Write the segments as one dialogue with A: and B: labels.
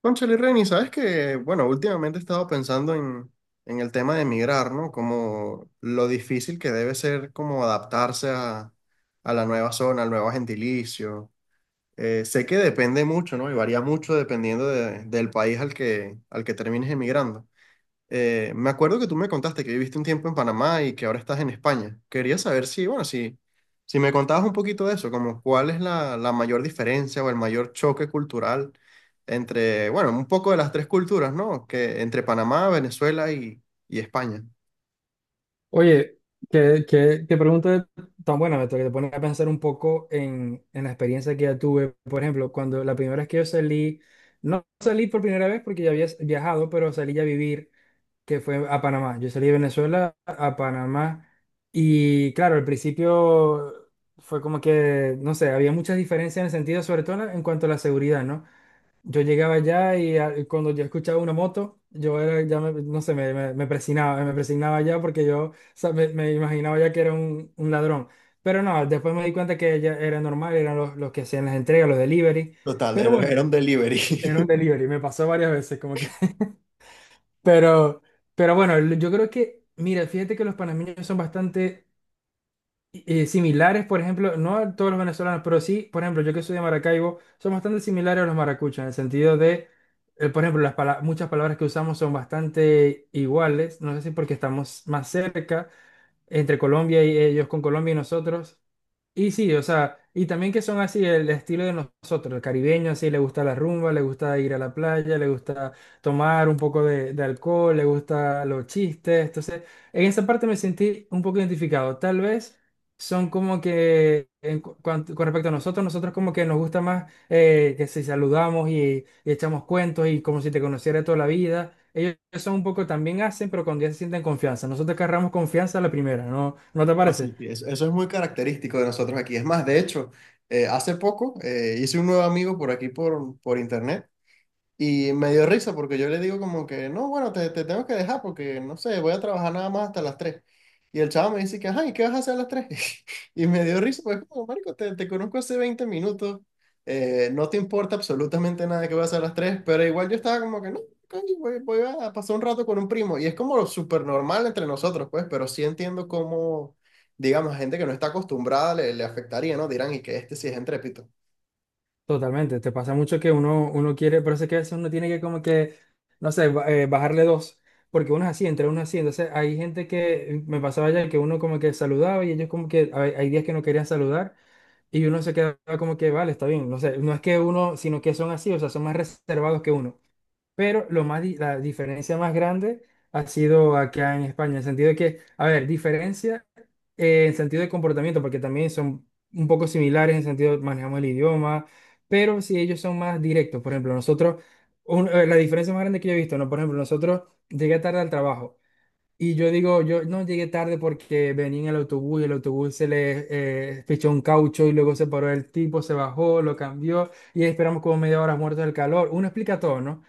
A: Cónchale, Reni, sabes que, bueno, últimamente he estado pensando en el tema de emigrar, ¿no? Como lo difícil que debe ser como adaptarse a la nueva zona, al nuevo gentilicio. Sé que depende mucho, ¿no? Y varía mucho dependiendo del país al que termines emigrando. Me acuerdo que tú me contaste que viviste un tiempo en Panamá y que ahora estás en España. Quería saber si, bueno, si me contabas un poquito de eso, como cuál es la, mayor diferencia o el mayor choque cultural entre, bueno, un poco de las tres culturas, ¿no? Que entre Panamá, Venezuela y España.
B: Oye, qué pregunta tan buena, Beto, que te pone a pensar un poco en la experiencia que ya tuve. Por ejemplo, cuando la primera vez que yo salí, no salí por primera vez porque ya había viajado, pero salí ya a vivir, que fue a Panamá. Yo salí de Venezuela a Panamá y claro, al principio fue como que, no sé, había muchas diferencias en el sentido, sobre todo en cuanto a la seguridad, ¿no? Yo llegaba allá y cuando yo escuchaba una moto, yo era, no sé, me presionaba ya porque yo, o sea, me imaginaba ya que era un ladrón. Pero no, después me di cuenta que ya era normal, eran los que hacían las entregas, los delivery.
A: Total,
B: Pero
A: era
B: bueno,
A: era un delivery.
B: era un delivery, me pasó varias veces, como que. Pero, pero bueno, yo creo que, mira, fíjate que los panameños son bastante similares, por ejemplo, no a todos los venezolanos, pero sí, por ejemplo, yo que soy de Maracaibo, son bastante similares a los maracuchos, en el sentido de, por ejemplo, muchas palabras que usamos son bastante iguales, no sé si porque estamos más cerca entre Colombia y ellos con Colombia y nosotros, y sí, o sea, y también que son así el estilo de nosotros, el caribeño, así le gusta la rumba, le gusta ir a la playa, le gusta tomar un poco de alcohol, le gusta los chistes. Entonces, en esa parte me sentí un poco identificado. Tal vez son como que, con respecto a nosotros, nosotros como que nos gusta más que si saludamos y echamos cuentos y como si te conociera toda la vida. Ellos son un poco también hacen, pero cuando ya se sienten confianza. Nosotros agarramos confianza a la primera, ¿no? ¿No te parece?
A: Así, sí, eso es muy característico de nosotros aquí. Es más, de hecho, hace poco hice un nuevo amigo por aquí por, internet. Y me dio risa porque yo le digo como que, no, bueno, te tengo que dejar porque, no sé, voy a trabajar nada más hasta las tres. Y el chavo me dice que, ay, ¿qué vas a hacer a las tres? Y me dio risa, pues como, marico, te, conozco hace 20 minutos, no te importa absolutamente nada que voy a hacer a las tres, pero igual yo estaba como que, no, coño, voy a pasar un rato con un primo. Y es como lo súper normal entre nosotros, pues, pero sí entiendo cómo, digamos, a gente que no está acostumbrada le, afectaría, ¿no? Dirán, y que este sí es entrépito.
B: Totalmente, te pasa mucho que uno quiere, pero es que a veces uno tiene que como que, no sé, bajarle dos, porque uno es así, entre uno es así, entonces hay gente que me pasaba ya que uno como que saludaba y ellos como que hay días que no querían saludar y uno se quedaba como que, vale, está bien, no sé, no es que uno, sino que son así, o sea, son más reservados que uno. Pero la diferencia más grande ha sido acá en España, en el sentido de que, a ver, diferencia en sentido de comportamiento, porque también son un poco similares en sentido de manejamos el idioma, pero si ellos son más directos, por ejemplo, nosotros, la diferencia más grande que yo he visto, ¿no? Por ejemplo, nosotros llegué tarde al trabajo y yo digo, yo no llegué tarde porque venía en el autobús y el autobús se le fichó un caucho y luego se paró el tipo, se bajó, lo cambió y esperamos como media hora muertos del calor. Uno explica todo, ¿no?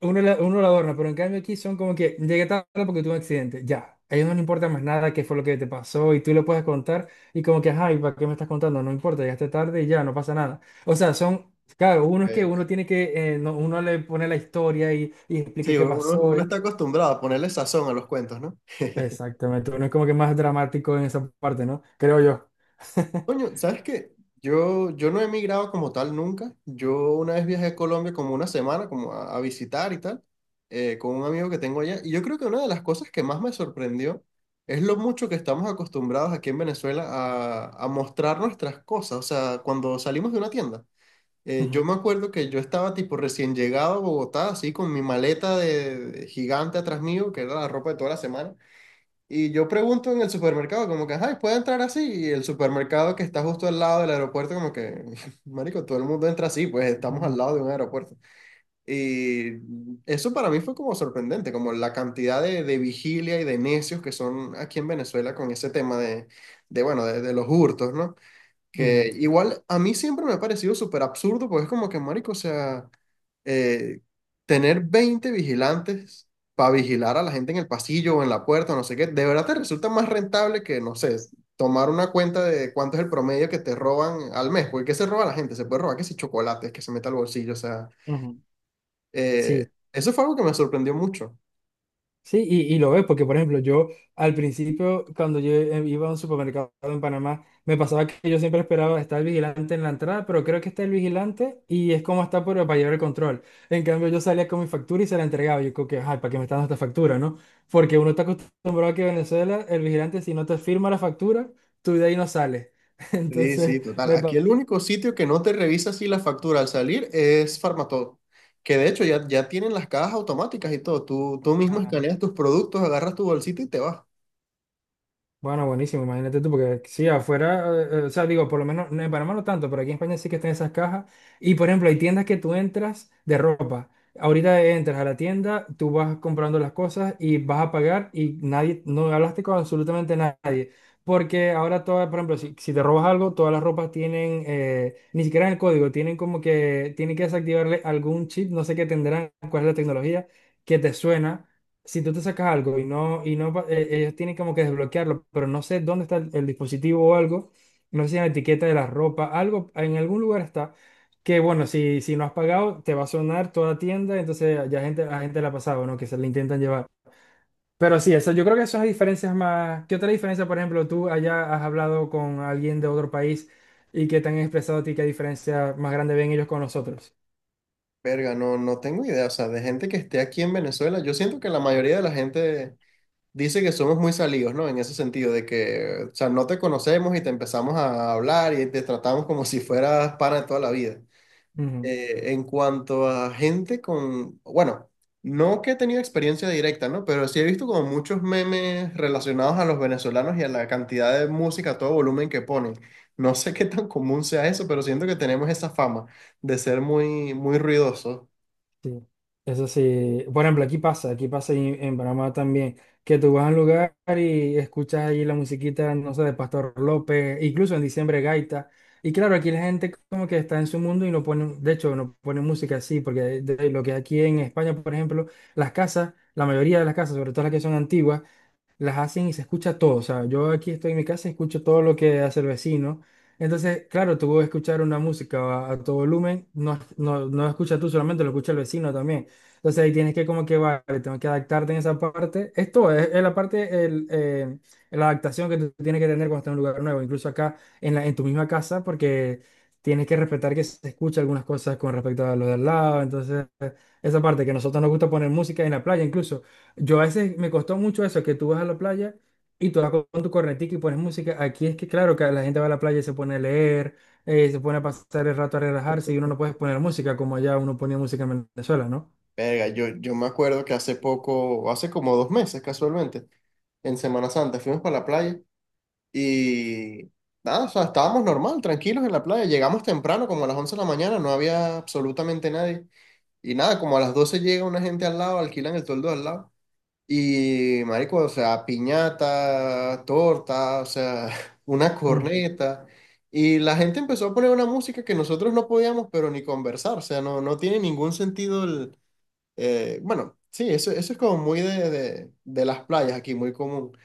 B: Uno lo adorna, pero en cambio aquí son como que llegué tarde porque tuve un accidente, ya. A ellos no les importa más nada qué fue lo que te pasó y tú lo puedes contar y como que, ay, ¿para qué me estás contando? No importa, llegaste tarde y ya, no pasa nada. O sea, son, claro, uno es que
A: Eh,
B: uno tiene que, uno le pone la historia y explique
A: Sí,
B: qué
A: uno,
B: pasó.
A: uno está acostumbrado a ponerle sazón a los cuentos, ¿no?
B: Exactamente, uno es como que más dramático en esa parte, ¿no? Creo yo.
A: Coño, ¿sabes qué? Yo no he emigrado como tal nunca. Yo una vez viajé a Colombia como una semana, como a visitar y tal, con un amigo que tengo allá. Y yo creo que una de las cosas que más me sorprendió es lo mucho que estamos acostumbrados aquí en Venezuela a, mostrar nuestras cosas. O sea, cuando salimos de una tienda. Yo
B: Ujú,
A: me acuerdo que yo estaba tipo recién llegado a Bogotá, así con mi maleta de gigante atrás mío, que era la ropa de toda la semana. Y yo pregunto en el supermercado, como que, ay, ¿puedo entrar así? Y el supermercado que está justo al lado del aeropuerto, como que, marico, todo el mundo entra así, pues estamos al
B: ujú,
A: lado de un aeropuerto. Y eso para mí fue como sorprendente, como la cantidad de vigilia y de necios que son aquí en Venezuela con ese tema de bueno, de los hurtos, ¿no? Que igual a mí siempre me ha parecido súper absurdo, porque es como que, marico, o sea, eh, tener 20 vigilantes para vigilar a la gente en el pasillo o en la puerta, o no sé qué, de verdad te resulta más rentable que, no sé, tomar una cuenta de cuánto es el promedio que te roban al mes, porque ¿qué se roba la gente? Se puede robar que si chocolates, que se meta al bolsillo, o sea,
B: ujú, ujú. Sí.
A: eso fue algo que me sorprendió mucho.
B: Sí, y lo ves, porque por ejemplo, yo al principio, cuando yo iba a un supermercado en Panamá, me pasaba que yo siempre esperaba estar el vigilante en la entrada, pero creo que está el vigilante y es como está para llevar el control. En cambio, yo salía con mi factura y se la entregaba. Yo creo que, ay, ¿para qué me está dando esta factura, no? Porque uno está acostumbrado a que en Venezuela, el vigilante, si no te firma la factura, tú de ahí no sales.
A: Sí,
B: Entonces,
A: sí, total.
B: me,
A: Aquí el único sitio que no te revisa si la factura al salir es Farmatodo, que de hecho ya tienen las cajas automáticas y todo. Tú mismo escaneas
B: pa-
A: tus productos, agarras tu bolsita y te vas.
B: bueno, buenísimo, imagínate tú, porque sí, afuera, o sea, digo, por lo menos, no, en Panamá no tanto, pero aquí en España sí que están esas cajas. Y por ejemplo, hay tiendas que tú entras de ropa. Ahorita entras a la tienda, tú vas comprando las cosas y vas a pagar y nadie, no hablaste con absolutamente nadie. Porque ahora todas, por ejemplo, si te robas algo, todas las ropas tienen, ni siquiera en el código, tienen como que, tienen que desactivarle algún chip, no sé qué tendrán, cuál es la tecnología que te suena si tú te sacas algo y no, ellos tienen como que desbloquearlo, pero no sé dónde está el dispositivo o algo, no sé si en la etiqueta de la ropa, algo, en algún lugar está, que bueno, si no has pagado, te va a sonar toda tienda, entonces a gente la ha pasado, ¿no? Que se la intentan llevar. Pero sí, eso, yo creo que esas diferencias más, ¿qué otra diferencia, por ejemplo, tú allá has hablado con alguien de otro país y que te han expresado a ti qué diferencia más grande ven ellos con nosotros?
A: Verga, no, no tengo idea. O sea, de gente que esté aquí en Venezuela, yo siento que la mayoría de la gente dice que somos muy salidos, ¿no? En ese sentido, de que, o sea, no te conocemos y te empezamos a hablar y te tratamos como si fueras pana de toda la vida. En cuanto a gente con, bueno, no que he tenido experiencia directa, ¿no? Pero sí he visto como muchos memes relacionados a los venezolanos y a la cantidad de música a todo volumen que ponen. No sé qué tan común sea eso, pero siento que tenemos esa fama de ser muy, muy ruidosos.
B: Sí, eso sí. Por ejemplo, aquí pasa y en Panamá también, que tú vas a un lugar y escuchas allí la musiquita, no sé, de Pastor López, incluso en diciembre gaita. Y claro, aquí la gente como que está en su mundo y no pone, de hecho, no pone música así, porque de lo que aquí en España, por ejemplo, las casas, la mayoría de las casas, sobre todo las que son antiguas, las hacen y se escucha todo. O sea, yo aquí estoy en mi casa y escucho todo lo que hace el vecino. Entonces, claro, tú puedes escuchar una música a tu volumen, no la escuchas tú solamente, lo escucha el vecino también. Entonces ahí tienes que como que, vale, tengo que adaptarte en esa parte. Esto es la parte, la adaptación que tú tienes que tener cuando estás en un lugar nuevo, incluso acá en tu misma casa, porque tienes que respetar que se escucha algunas cosas con respecto a lo de al lado. Entonces, esa parte que a nosotros nos gusta poner música en la playa incluso. Yo a veces me costó mucho eso, que tú vas a la playa y tú vas con tu cornetica y pones música. Aquí es que claro que la gente va a la playa y se pone a leer, se pone a pasar el rato a relajarse y uno no puede poner música como allá uno ponía música en Venezuela, ¿no?
A: Verga, yo me acuerdo que hace poco, hace como 2 meses casualmente, en Semana Santa, fuimos para la playa y nada, o sea, estábamos normal, tranquilos en la playa. Llegamos temprano, como a las 11 de la mañana, no había absolutamente nadie. Y nada, como a las 12 llega una gente al lado, alquilan el toldo al lado. Y marico, o sea, piñata, torta, o sea, una
B: Ujú.
A: corneta. Y la gente empezó a poner una música que nosotros no podíamos, pero ni conversar. O sea, no, no tiene ningún sentido el. Bueno, sí, eso es como muy de, las playas aquí, muy común.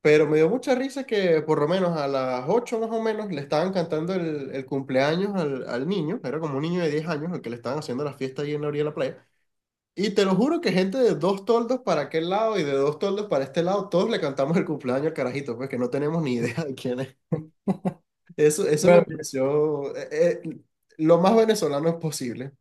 A: Pero me dio mucha risa que por lo menos a las 8 más o menos le estaban cantando el, cumpleaños al niño. Era como un niño de 10 años al que le estaban haciendo la fiesta ahí en la orilla de la playa. Y te lo juro que gente de dos toldos para aquel lado y de dos toldos para este lado, todos le cantamos el cumpleaños al carajito, pues que no tenemos ni idea de quién es. Eso me
B: Bueno,
A: pareció lo más venezolano posible.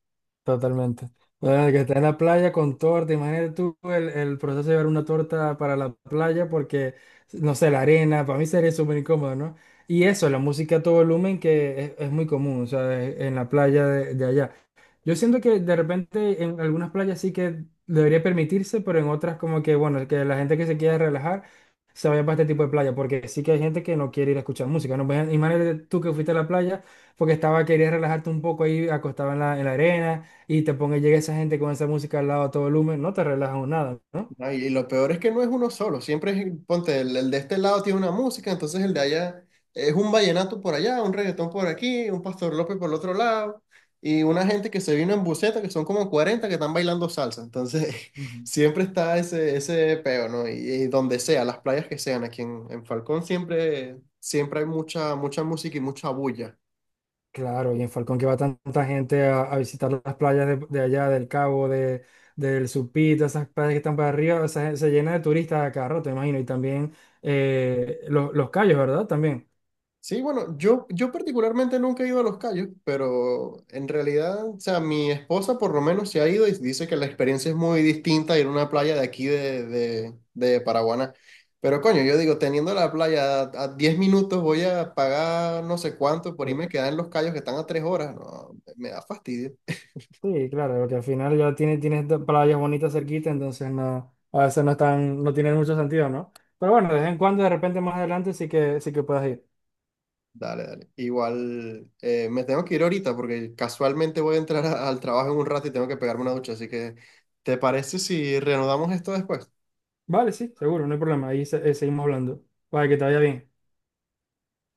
B: totalmente. Bueno, que está en la playa con torta, imagínate tú el proceso de llevar una torta para la playa porque, no sé, la arena, para mí sería súper incómodo, ¿no? Y eso, la música a todo volumen que es muy común, o sea, en la playa de allá. Yo siento que de repente en algunas playas sí que debería permitirse, pero en otras como que, bueno, que la gente que se quiera relajar se vaya para este tipo de playa, porque sí que hay gente que no quiere ir a escuchar música, ¿no? Pues, imagínate tú que fuiste a la playa porque estaba, querías relajarte un poco ahí acostado en la arena y te ponga, llega esa gente con esa música al lado a todo volumen, no te relajas nada, ¿no?
A: No, y, lo peor es que no es uno solo, siempre es, ponte, el de este lado tiene una música, entonces el de allá es un vallenato por allá, un reggaetón por aquí, un Pastor López por el otro lado, y una gente que se vino en buseta, que son como 40 que están bailando salsa, entonces siempre está ese peo, ¿no? Y donde sea, las playas que sean, aquí en Falcón siempre, siempre hay mucha, mucha música y mucha bulla.
B: Claro, y en Falcón que va tanta gente a visitar las playas de allá, del Cabo, del Supí, todas esas playas que están para arriba, o sea, se llena de turistas a cada rato, me imagino, y también los cayos, ¿verdad? También.
A: Sí, bueno, yo particularmente nunca he ido a Los Cayos, pero en realidad, o sea, mi esposa por lo menos se ha ido y dice que la experiencia es muy distinta a ir a una playa de aquí de, Paraguaná. Pero coño, yo digo, teniendo la playa a 10 minutos voy a pagar no sé cuánto por
B: Sí,
A: irme a quedar en Los Cayos que están a 3 horas. No, me da fastidio.
B: sí, claro, porque al final ya tienes estas playas bonitas cerquita, entonces no, a veces no están, no tienen mucho sentido, ¿no? Pero bueno, de vez en cuando, de repente más adelante sí que puedas ir.
A: Dale, dale. Igual me tengo que ir ahorita porque casualmente voy a entrar al trabajo en un rato y tengo que pegarme una ducha, así que ¿te parece si reanudamos esto después?
B: Vale, sí, seguro, no hay problema, ahí seguimos hablando. Vale, que te vaya bien.